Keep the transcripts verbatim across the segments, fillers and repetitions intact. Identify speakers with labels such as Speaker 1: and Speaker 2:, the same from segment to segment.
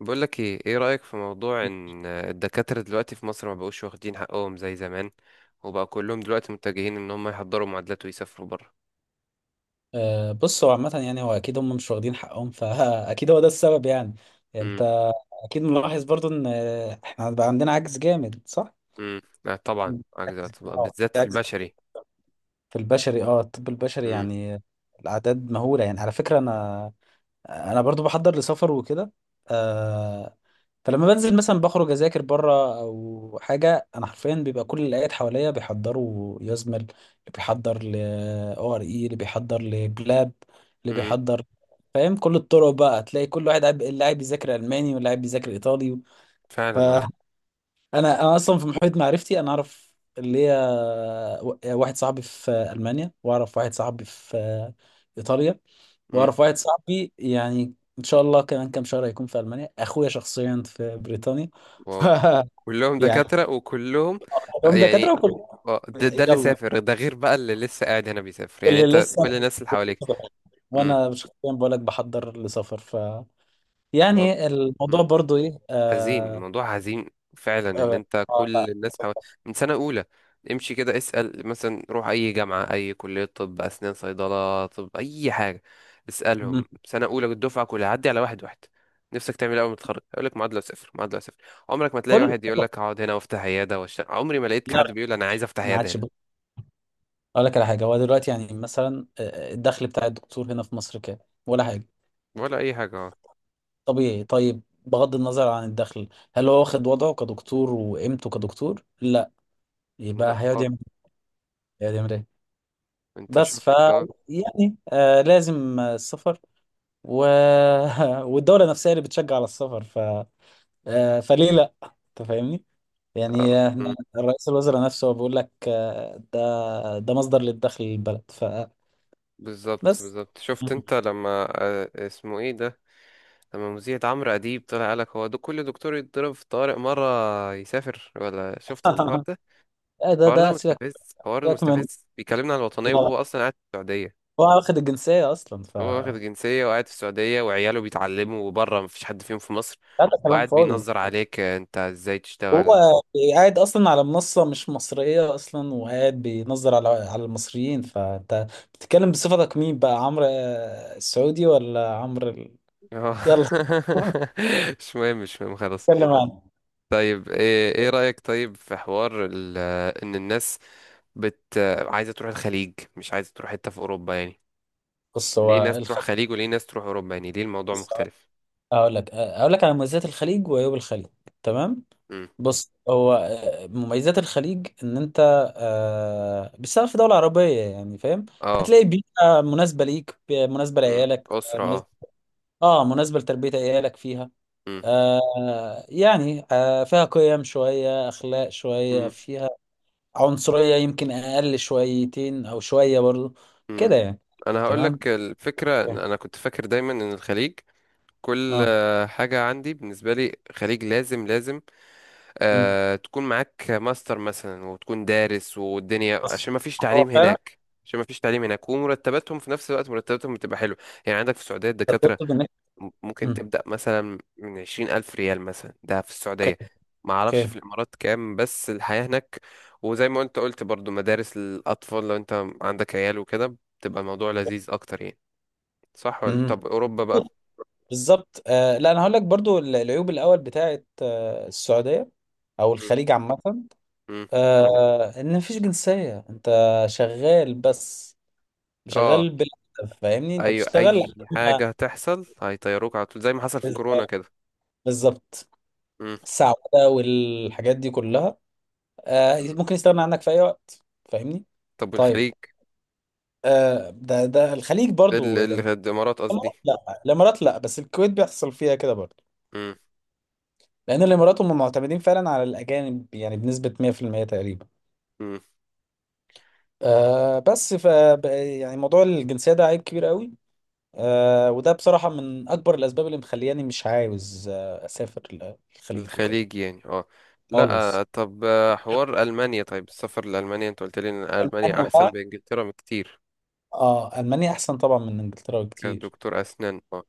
Speaker 1: بقول لك ايه ايه رأيك في موضوع ان الدكاترة دلوقتي في مصر ما بقوش واخدين حقهم زي زمان، وبقى كلهم دلوقتي متجهين ان هم يحضروا معادلات ويسافروا بره.
Speaker 2: آه، بص هو عامة يعني هو أكيد هم مش واخدين حقهم فأكيد هو ده السبب يعني
Speaker 1: امم.
Speaker 2: أنت أكيد ملاحظ برضو إن آه، إحنا بقى عندنا عجز جامد صح؟
Speaker 1: امم، لا طبعا، أجدع
Speaker 2: عجز
Speaker 1: طبعاً،
Speaker 2: اه
Speaker 1: بالذات
Speaker 2: في
Speaker 1: في
Speaker 2: عجز
Speaker 1: البشري.
Speaker 2: في البشري اه الطب البشري
Speaker 1: امم.
Speaker 2: يعني الأعداد مهولة يعني على فكرة أنا أنا برضو بحضر لسفر وكده آه، فلما بنزل مثلا بخرج اذاكر بره او حاجه انا حرفيا بيبقى كل اللي قاعد حواليا بيحضروا يزمل اللي بيحضر ل او ار اي اللي بيحضر لبلاب اللي
Speaker 1: امم.
Speaker 2: بيحضر فاهم. كل الطرق بقى تلاقي كل واحد قاعد اللي قاعد بيذاكر الماني واللي قاعد بيذاكر ايطالي.
Speaker 1: فعلا اه.
Speaker 2: فانا انا أنا اصلا في محيط معرفتي انا اعرف اللي هي واحد صاحبي في المانيا واعرف واحد صاحبي في ايطاليا
Speaker 1: امم.
Speaker 2: واعرف واحد صاحبي يعني ان شاء الله كمان كام شهر هيكون في المانيا اخويا شخصيا في بريطانيا. ف
Speaker 1: واو، كلهم
Speaker 2: يعني
Speaker 1: دكاترة وكلهم آه،
Speaker 2: هم
Speaker 1: يعني.
Speaker 2: دكاتره وكل
Speaker 1: آه، ده, ده اللي
Speaker 2: يلا
Speaker 1: سافر ده، غير بقى اللي لسه قاعد هنا بيسافر، يعني
Speaker 2: كل
Speaker 1: انت كل
Speaker 2: لسه
Speaker 1: الناس اللي حواليك.
Speaker 2: وانا شخصيا بقول لك بحضر لسفر. ف يعني الموضوع
Speaker 1: امم.
Speaker 2: برضو ايه
Speaker 1: حزين،
Speaker 2: آه
Speaker 1: الموضوع حزين. فعلا، ان
Speaker 2: آه
Speaker 1: انت
Speaker 2: آه لا.
Speaker 1: كل الناس حو... من سنة اولى، امشي كده اسأل مثلا، روح اي جامعة، اي كلية طب، اسنان، صيدلة، طب، اي حاجة،
Speaker 2: مم.
Speaker 1: اسألهم سنة اولى الدفعة كلها، عدي على واحد واحد، نفسك تعمل إيه اول ما تتخرج؟ يقول لك معادله صفر، معادله صفر. عمرك ما تلاقي
Speaker 2: كل
Speaker 1: واحد يقول لك هقعد هنا وافتح عياده واشتغل. عمري ما لقيت حد
Speaker 2: لا
Speaker 1: بيقول انا عايز افتح
Speaker 2: ما
Speaker 1: عياده
Speaker 2: عادش
Speaker 1: هنا.
Speaker 2: بقول لك على حاجه. هو دلوقتي يعني مثلا آه، الدخل بتاع الدكتور هنا في مصر كام؟ ولا حاجه
Speaker 1: ولا اي حاجه اه.
Speaker 2: طبيعي. طيب بغض النظر عن الدخل، هل هو واخد وضعه كدكتور وقيمته كدكتور؟ لا،
Speaker 1: لا
Speaker 2: يبقى هيقعد
Speaker 1: خالص.
Speaker 2: يعمل إيه؟ هيقعد يعمل ايه
Speaker 1: انت
Speaker 2: بس
Speaker 1: شفت.
Speaker 2: ف
Speaker 1: اه.
Speaker 2: يعني آه لازم آه، السفر و... والدولة نفسها اللي بتشجع على السفر. ف آه فليه لا، انت فاهمني؟
Speaker 1: آه،
Speaker 2: يعني آه، احنا
Speaker 1: مم.
Speaker 2: الرئيس الوزراء نفسه هو بيقول لك آه، ده ده مصدر للدخل للبلد.
Speaker 1: بالظبط،
Speaker 2: فبس.
Speaker 1: بالظبط. شفت انت لما آه، اسمه ايه ده، لما مذيعة عمرو أديب طلع قالك هو دو كل دكتور يتضرب في طارق مرة يسافر، ولا شفت انت الحوار ده؟
Speaker 2: ده
Speaker 1: الحوار ده
Speaker 2: ده سيبك
Speaker 1: مستفز، الحوار ده
Speaker 2: سيبك من،
Speaker 1: مستفز، بيكلمنا عن الوطنية
Speaker 2: هو
Speaker 1: وهو أصلا قاعد في السعودية.
Speaker 2: واخد الجنسية اصلا. ف
Speaker 1: هو واخد جنسية وقاعد في السعودية، وعياله بيتعلموا وبره، مفيش حد فيهم في مصر.
Speaker 2: هذا كلام
Speaker 1: وقاعد
Speaker 2: فاضي.
Speaker 1: بينظر عليك انت ازاي تشتغل.
Speaker 2: هو قاعد اصلا على منصه مش مصريه اصلا وقاعد بينظر على على المصريين. فانت بتتكلم بصفتك مين بقى؟ عمرو آه، السعودي ولا عمرو ال...
Speaker 1: اه.
Speaker 2: يلا.
Speaker 1: مش مهم، مش مهم، خلاص.
Speaker 2: نتكلم عنه.
Speaker 1: طيب، ايه ايه رأيك طيب في حوار ال- ان الناس بت عايزة تروح الخليج، مش عايزة تروح حتة في أوروبا يعني؟
Speaker 2: بص هو
Speaker 1: ليه ناس تروح
Speaker 2: الخليج
Speaker 1: خليج وليه ناس تروح اوروبا، يعني ليه الموضوع
Speaker 2: بص،
Speaker 1: مختلف؟
Speaker 2: هقول لك هقول لك على مميزات الخليج وعيوب الخليج، تمام؟
Speaker 1: امم.
Speaker 2: بص، هو آه، مميزات الخليج ان انت آه، بتشتغل في دوله عربيه، يعني فاهم.
Speaker 1: اه.
Speaker 2: هتلاقي بيئه مناسبه ليك، مناسبه
Speaker 1: امم.
Speaker 2: لعيالك،
Speaker 1: اسره اه.
Speaker 2: مناسبه، اه مناسبه لتربيه عيالك فيها.
Speaker 1: امم.
Speaker 2: آه يعني آه فيها قيم شوية، أخلاق شوية،
Speaker 1: امم.
Speaker 2: فيها عنصرية يمكن أقل شويتين أو شوية برضو،
Speaker 1: امم.
Speaker 2: كده يعني.
Speaker 1: انا هقول
Speaker 2: تمام.
Speaker 1: لك الفكره، انا كنت فاكر دايما ان الخليج، كل
Speaker 2: اه.
Speaker 1: آه، حاجه عندي بالنسبه لي، خليج لازم لازم
Speaker 2: أمم.
Speaker 1: آه تكون معاك ماستر مثلا، وتكون دارس والدنيا،
Speaker 2: بس
Speaker 1: عشان ما فيش
Speaker 2: هو
Speaker 1: تعليم
Speaker 2: فعلا.
Speaker 1: هناك. عشان ما فيش تعليم هناك، ومرتباتهم في نفس الوقت مرتباتهم بتبقى حلوه. يعني عندك في السعوديه الدكاتره
Speaker 2: تقصد إنك
Speaker 1: م- ممكن
Speaker 2: أمم.
Speaker 1: تبدأ مثلا من عشرين ألف ريال، مثلا ده في
Speaker 2: اوكي.
Speaker 1: السعودية. ما أعرفش في
Speaker 2: اوكي.
Speaker 1: الإمارات كام، بس الحياة هناك وزي ما أنت قلت برضو مدارس الأطفال، لو أنت عندك عيال وكده بتبقى الموضوع لذيذ أكتر يعني. صح ولا؟
Speaker 2: أمم.
Speaker 1: طب أوروبا بقى؟
Speaker 2: بالظبط. آه لا أنا هقول لك برضو ال- العيوب الأول بتاعت آه السعودية أو
Speaker 1: م-
Speaker 2: الخليج عامة.
Speaker 1: م.
Speaker 2: آه إن مفيش جنسية. أنت شغال بس
Speaker 1: اه.
Speaker 2: شغال بلا هدف، فاهمني؟ أنت
Speaker 1: أيوة، أي
Speaker 2: بتشتغل.
Speaker 1: حاجة هتحصل هيطيروك على طول، زي ما حصل في كورونا كده.
Speaker 2: بالظبط.
Speaker 1: م-
Speaker 2: السعودة والحاجات دي كلها آه،
Speaker 1: م.
Speaker 2: ممكن يستغنى عنك في أي وقت، فاهمني؟
Speaker 1: طب
Speaker 2: طيب،
Speaker 1: والخليج؟
Speaker 2: آه، ده ده الخليج
Speaker 1: ال-
Speaker 2: برضو،
Speaker 1: ال-
Speaker 2: الإمارات.
Speaker 1: الإمارات قصدي.
Speaker 2: لا الإمارات لا، بس الكويت بيحصل فيها كده برضو.
Speaker 1: م-
Speaker 2: لأن الإمارات هم معتمدين فعلا على الأجانب يعني بنسبة مية في المية تقريبا.
Speaker 1: م.
Speaker 2: آه، بس ف ب- يعني موضوع الجنسية ده عيب كبير قوي. آه، وده بصراحة من أكبر الأسباب اللي مخلياني مش عاوز آه، أسافر ل- الخليج وكده
Speaker 1: الخليج يعني اه. لا.
Speaker 2: خالص.
Speaker 1: آه، طب، آه، حوار ألمانيا، طيب السفر لألمانيا، انت قلت لي ان ألمانيا
Speaker 2: ألمانيا
Speaker 1: احسن
Speaker 2: بقى،
Speaker 1: بإنجلترا بكتير،
Speaker 2: اه المانيا احسن طبعا من انجلترا بكتير.
Speaker 1: كدكتور أسنان اه.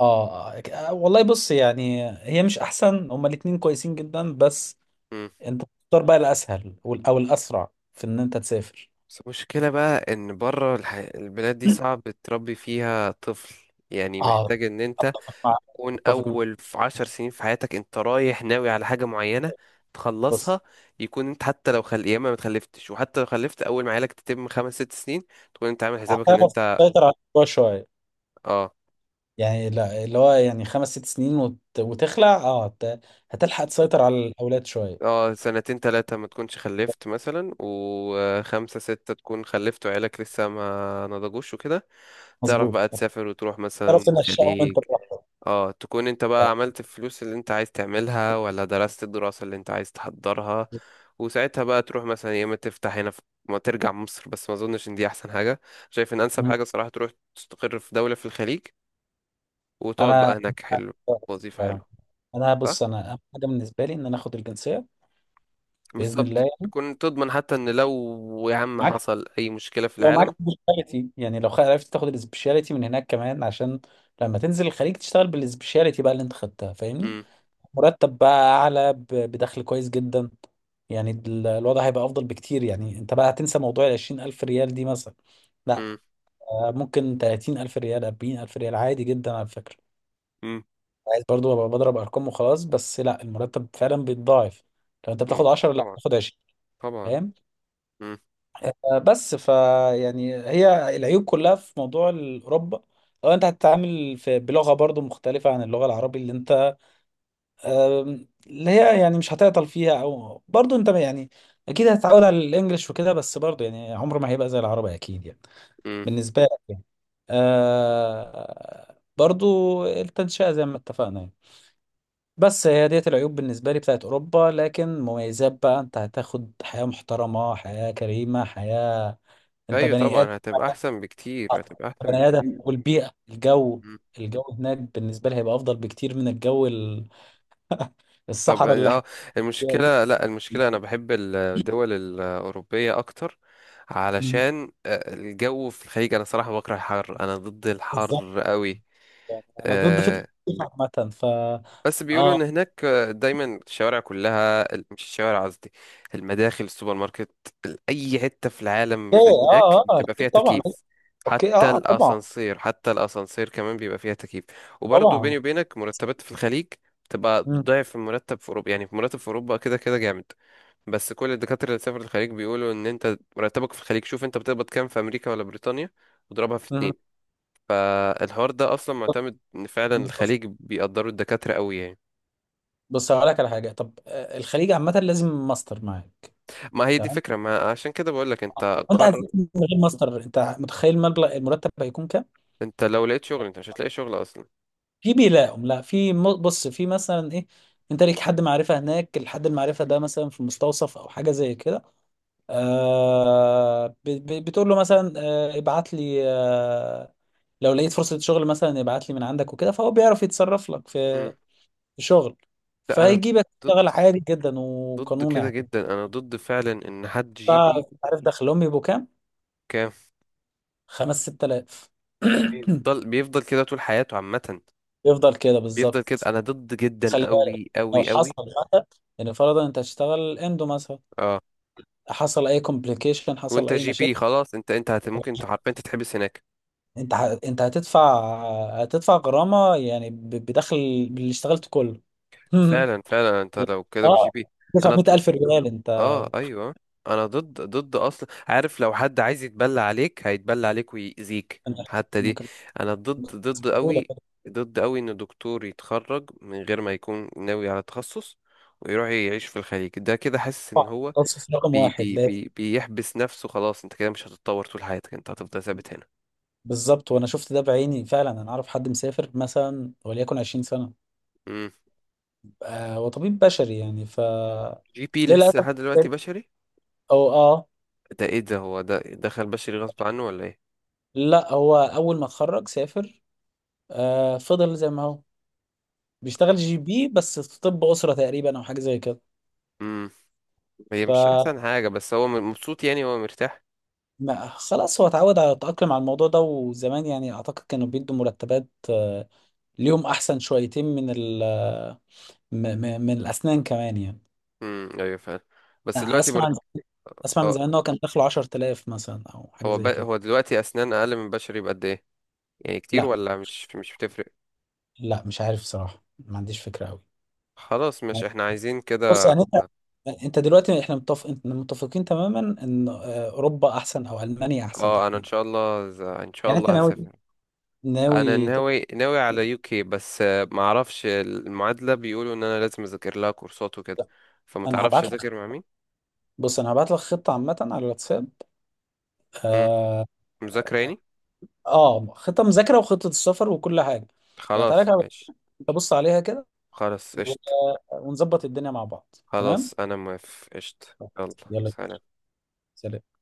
Speaker 2: اه آه، والله بص، يعني هي مش احسن، هما الاتنين كويسين جدا، بس
Speaker 1: مم.
Speaker 2: انت تختار بقى الاسهل وال- او الاسرع في ان انت تسافر.
Speaker 1: بس المشكلة بقى ان بره الح... البلاد دي صعب تربي فيها طفل، يعني
Speaker 2: اه.
Speaker 1: محتاج ان انت
Speaker 2: مع-
Speaker 1: تكون
Speaker 2: اتفق معاك.
Speaker 1: اول في عشر سنين في حياتك، انت رايح ناوي على حاجة معينة
Speaker 2: بص،
Speaker 1: تخلصها، يكون انت حتى لو خل... يا اما ما تخلفتش، وحتى لو خلفت اول ما عيالك تتم خمس ست سنين تكون انت عامل حسابك ان
Speaker 2: هتعرف
Speaker 1: انت
Speaker 2: تسيطر على الموضوع شويه،
Speaker 1: اه.
Speaker 2: يعني لا. اللي هو يعني خمس ست سنين وت... وتخلع، اه هت... هتلحق تسيطر على الاولاد شويه.
Speaker 1: اه، سنتين تلاتة ما تكونش خلفت مثلا، وخمسة ستة تكون خلفت وعيالك لسه ما نضجوش وكده. تعرف
Speaker 2: مظبوط.
Speaker 1: بقى تسافر وتروح مثلا
Speaker 2: تعرف تنشأهم انت
Speaker 1: الخليج.
Speaker 2: براحتك.
Speaker 1: اه، تكون انت بقى عملت الفلوس اللي انت عايز تعملها، ولا درست الدراسة اللي انت عايز تحضرها. وساعتها بقى تروح مثلا، يا اما تفتح هنا في، ما ترجع مصر، بس ما اظنش ان دي احسن حاجة. شايف ان انسب
Speaker 2: مم.
Speaker 1: حاجة صراحة تروح تستقر في دولة في الخليج، وتقعد
Speaker 2: انا
Speaker 1: بقى هناك. حلو، وظيفة
Speaker 2: فعلا.
Speaker 1: حلوة.
Speaker 2: انا
Speaker 1: صح؟
Speaker 2: بص، انا اهم حاجه بالنسبه لي ان انا اخد الجنسيه. باذن الله
Speaker 1: بالظبط، تكون تضمن حتى ان لو يا عم
Speaker 2: معاك،
Speaker 1: حصل اي مشكلة في
Speaker 2: لو معاك
Speaker 1: العالم.
Speaker 2: سبيشاليتي يعني، لو خ- عرفت تاخد السبيشاليتي من هناك كمان عشان لما تنزل الخليج تشتغل بالسبيشاليتي بقى اللي انت خدتها، فاهمني؟
Speaker 1: مم.
Speaker 2: مرتب بقى اعلى ب- بدخل كويس جدا، يعني ال- الوضع هيبقى افضل بكتير. يعني انت بقى هتنسى موضوع ال عشرين الف ريال دي مثلا، لا
Speaker 1: مم.
Speaker 2: آه، ممكن تلاتين الف ريال، اربعين الف ريال، عادي جدا على فكرة.
Speaker 1: مم.
Speaker 2: عايز برضو ابقى بضرب ارقام وخلاص، بس لا، المرتب فعلا بيتضاعف. لو انت
Speaker 1: مم.
Speaker 2: بتاخد عشرة لا
Speaker 1: طبعا،
Speaker 2: بتاخد عشرين،
Speaker 1: طبعا.
Speaker 2: فاهم؟
Speaker 1: مم.
Speaker 2: آه، بس ف يعني هي العيوب كلها في موضوع اوروبا، لو انت هتتعامل في بلغه برضو مختلفه عن اللغه العربي اللي انت آم، اللي هي يعني مش هتعطل فيها، او برضو انت يعني اكيد هتتعود على الانجليش وكده، بس برضو يعني عمره ما هيبقى زي العربي اكيد يعني،
Speaker 1: مم.
Speaker 2: بالنسبه لك يعني. آه، برضو التنشئه زي ما اتفقنا يعني. بس هي ديت العيوب بالنسبه لي بتاعت اوروبا، لكن مميزات بقى، انت هتاخد حياه محترمه، حياه كريمه، حياه انت
Speaker 1: ايوه
Speaker 2: بني ادم.
Speaker 1: طبعا، هتبقى احسن بكتير، هتبقى احسن
Speaker 2: بني ادم،
Speaker 1: بكتير.
Speaker 2: والبيئه، الجو
Speaker 1: مم.
Speaker 2: الجو هناك بالنسبه لي هيبقى افضل بكتير من الجو ال-
Speaker 1: طب
Speaker 2: الصحراء اللي احنا
Speaker 1: اه،
Speaker 2: فيها دي.
Speaker 1: المشكلة، لا المشكلة انا بحب الدول الاوروبية اكتر،
Speaker 2: مم.
Speaker 1: علشان آه، الجو في الخليج. انا صراحة بكره الحر، انا ضد
Speaker 2: بالظبط.
Speaker 1: الحر قوي.
Speaker 2: يعني انا ضد فكره الصيف عامه. ف
Speaker 1: بس بيقولوا
Speaker 2: اه.
Speaker 1: ان هناك دايما الشوارع كلها، مش الشوارع قصدي، المداخل، السوبر ماركت، اي حته في العالم
Speaker 2: اوكي.
Speaker 1: في
Speaker 2: اه.
Speaker 1: هناك
Speaker 2: اه. آه،
Speaker 1: بتبقى فيها
Speaker 2: اكيد طبعا.
Speaker 1: تكييف.
Speaker 2: اوكي.
Speaker 1: حتى
Speaker 2: اه. آه، طبعا.
Speaker 1: الاسانسير، حتى الاسانسير كمان بيبقى فيها تكييف. وبرضه
Speaker 2: طبعا.
Speaker 1: بيني وبينك، مرتبات في الخليج تبقى
Speaker 2: مم.
Speaker 1: ضعف المرتب في اوروبا. يعني في مرتب في اوروبا كده كده جامد، بس كل الدكاتره اللي سافروا الخليج بيقولوا ان انت مرتبك في الخليج، شوف انت بتقبض كام في امريكا ولا بريطانيا واضربها في
Speaker 2: مم.
Speaker 1: اتنين. فالحوار ده اصلا معتمد ان فعلا
Speaker 2: بص
Speaker 1: الخليج بيقدروا الدكاتره قوي يعني.
Speaker 2: بص هقول لك على حاجه. طب آه، الخليج عامه لازم ماستر معاك،
Speaker 1: ما هي دي
Speaker 2: تمام؟
Speaker 1: فكرة، ما عشان كده بقول لك انت
Speaker 2: وانت عايز
Speaker 1: قرر.
Speaker 2: من غير ماستر، انت متخيل مبلغ المرتب هيكون كام؟
Speaker 1: انت لو لقيت شغل، انت مش هتلاقي شغل اصلا.
Speaker 2: في بيلاقوا لا في م- بص، في مثلا ايه، انت ليك حد معرفة هناك، الحد المعرفة ده مثلا في مستوصف او حاجة زي كده، آه ب- ب- بتقول له مثلا آه ابعت لي آه لو لقيت فرصة شغل، مثلا ابعت لي من عندك وكده، فهو بيعرف يتصرف لك في
Speaker 1: مم.
Speaker 2: في شغل،
Speaker 1: لا انا
Speaker 2: فيجيبك
Speaker 1: ضد،
Speaker 2: تشتغل عادي جدا
Speaker 1: ضد
Speaker 2: وقانوني
Speaker 1: كده
Speaker 2: يعني.
Speaker 1: جدا، انا ضد فعلا ان حد جي بي
Speaker 2: فعارف دخلهم بيبقوا كام؟
Speaker 1: كان،
Speaker 2: خمس ست آلاف.
Speaker 1: ويفضل بيفضل كده طول حياته عامة.
Speaker 2: يفضل كده
Speaker 1: بيفضل كده.
Speaker 2: بالظبط.
Speaker 1: انا ضد جدا
Speaker 2: خلي بالك،
Speaker 1: قوي
Speaker 2: لو
Speaker 1: قوي
Speaker 2: حصل،
Speaker 1: قوي.
Speaker 2: حتى يعني فرضا انت هتشتغل اندو مثلا،
Speaker 1: اه
Speaker 2: حصل اي كومبليكيشن، حصل
Speaker 1: وانت
Speaker 2: اي
Speaker 1: جي
Speaker 2: مشاكل،
Speaker 1: بي خلاص، انت انت هت، ممكن انت حرفيا تتحبس هناك.
Speaker 2: انت ه... انت هتدفع، هتدفع غرامة يعني ب... بدخل اللي اشتغلته كله.
Speaker 1: فعلا، فعلا، انت
Speaker 2: يعني
Speaker 1: لو كده بجي
Speaker 2: اه
Speaker 1: بي.
Speaker 2: تدفع
Speaker 1: انا ضد.
Speaker 2: مائة ألف ريال انت.
Speaker 1: اه ايوه، انا ضد ضد اصلا، عارف لو حد عايز يتبلى عليك هيتبلى عليك ويأذيك
Speaker 2: أنت
Speaker 1: حتى دي.
Speaker 2: ممكن
Speaker 1: انا ضد ضد
Speaker 2: بسهولة
Speaker 1: قوي، ضد قوي ان دكتور يتخرج من غير ما يكون ناوي على تخصص ويروح يعيش في الخليج. ده كده حاسس ان
Speaker 2: تدفع.
Speaker 1: هو
Speaker 2: تخصص رقم
Speaker 1: بي
Speaker 2: واحد
Speaker 1: بي
Speaker 2: لازم.
Speaker 1: بي بيحبس نفسه، خلاص انت كده مش هتتطور طول حياتك، انت هتفضل ثابت هنا.
Speaker 2: بالظبط، وانا شفت ده بعيني فعلا. انا اعرف حد مسافر مثلا وليكن عشرين سنة
Speaker 1: امم.
Speaker 2: آه وطبيب بشري يعني. ف
Speaker 1: جي بي لسه
Speaker 2: للاسف.
Speaker 1: لحد دلوقتي بشري؟
Speaker 2: او اه
Speaker 1: ده ايه ده، هو ده دخل بشري غصب عنه ولا ايه؟
Speaker 2: لا، هو اول ما اتخرج سافر آه فضل زي ما هو بيشتغل جي بي، بس في طب أسرة تقريبا أو حاجة زي كده.
Speaker 1: امم. هي
Speaker 2: ف
Speaker 1: مش احسن حاجة بس هو مبسوط يعني هو مرتاح.
Speaker 2: ما- خلاص، هو اتعود على التأقلم على الموضوع ده. وزمان يعني أعتقد كانوا بيدوا مرتبات آه، ليهم أحسن شويتين من ال آه، م- م- من الأسنان كمان يعني.
Speaker 1: امم، ايوه فعلا. بس
Speaker 2: أنا
Speaker 1: دلوقتي
Speaker 2: أسمع،
Speaker 1: مرت...
Speaker 2: أسمع من
Speaker 1: اه.
Speaker 2: زمان إن هو كان داخله عشر آلاف مثلا أو حاجة
Speaker 1: هو ب...
Speaker 2: زي كده.
Speaker 1: هو دلوقتي اسنان اقل من بشري بقد ايه؟ يعني كتير
Speaker 2: لا،
Speaker 1: ولا مش مش بتفرق؟
Speaker 2: لا، مش عارف صراحة، ما عنديش فكرة أوي.
Speaker 1: خلاص، مش احنا عايزين
Speaker 2: بص
Speaker 1: كده.
Speaker 2: يعني أنت انت دلوقتي احنا متفق... احنا متفقين تماما ان آه، اوروبا احسن او المانيا احسن
Speaker 1: اه انا ان
Speaker 2: تحديدا.
Speaker 1: شاء الله ز- ان شاء
Speaker 2: يعني انت
Speaker 1: الله
Speaker 2: ناوي
Speaker 1: هسافر. انا
Speaker 2: ناوي
Speaker 1: ناوي ناوي على يوكي، بس آه، ما اعرفش المعادله، بيقولوا ان انا لازم اذاكر لها كورسات وكده، فما
Speaker 2: انا
Speaker 1: تعرفش
Speaker 2: هبعت لك
Speaker 1: اذاكر مع مين؟
Speaker 2: بص، انا هبعت لك خطه عامه على الواتساب.
Speaker 1: امم، مذاكره يعني.
Speaker 2: اه، خطه مذاكره وخطه السفر وكل حاجه. هبعتها لك
Speaker 1: خلاص
Speaker 2: على-
Speaker 1: ماشي.
Speaker 2: تبص عليها كده،
Speaker 1: خلاص
Speaker 2: و-
Speaker 1: قشطه.
Speaker 2: ونظبط الدنيا مع بعض، تمام؟
Speaker 1: خلاص انا موافق قشطه. يلا.
Speaker 2: يلا.
Speaker 1: سلام.
Speaker 2: سلام.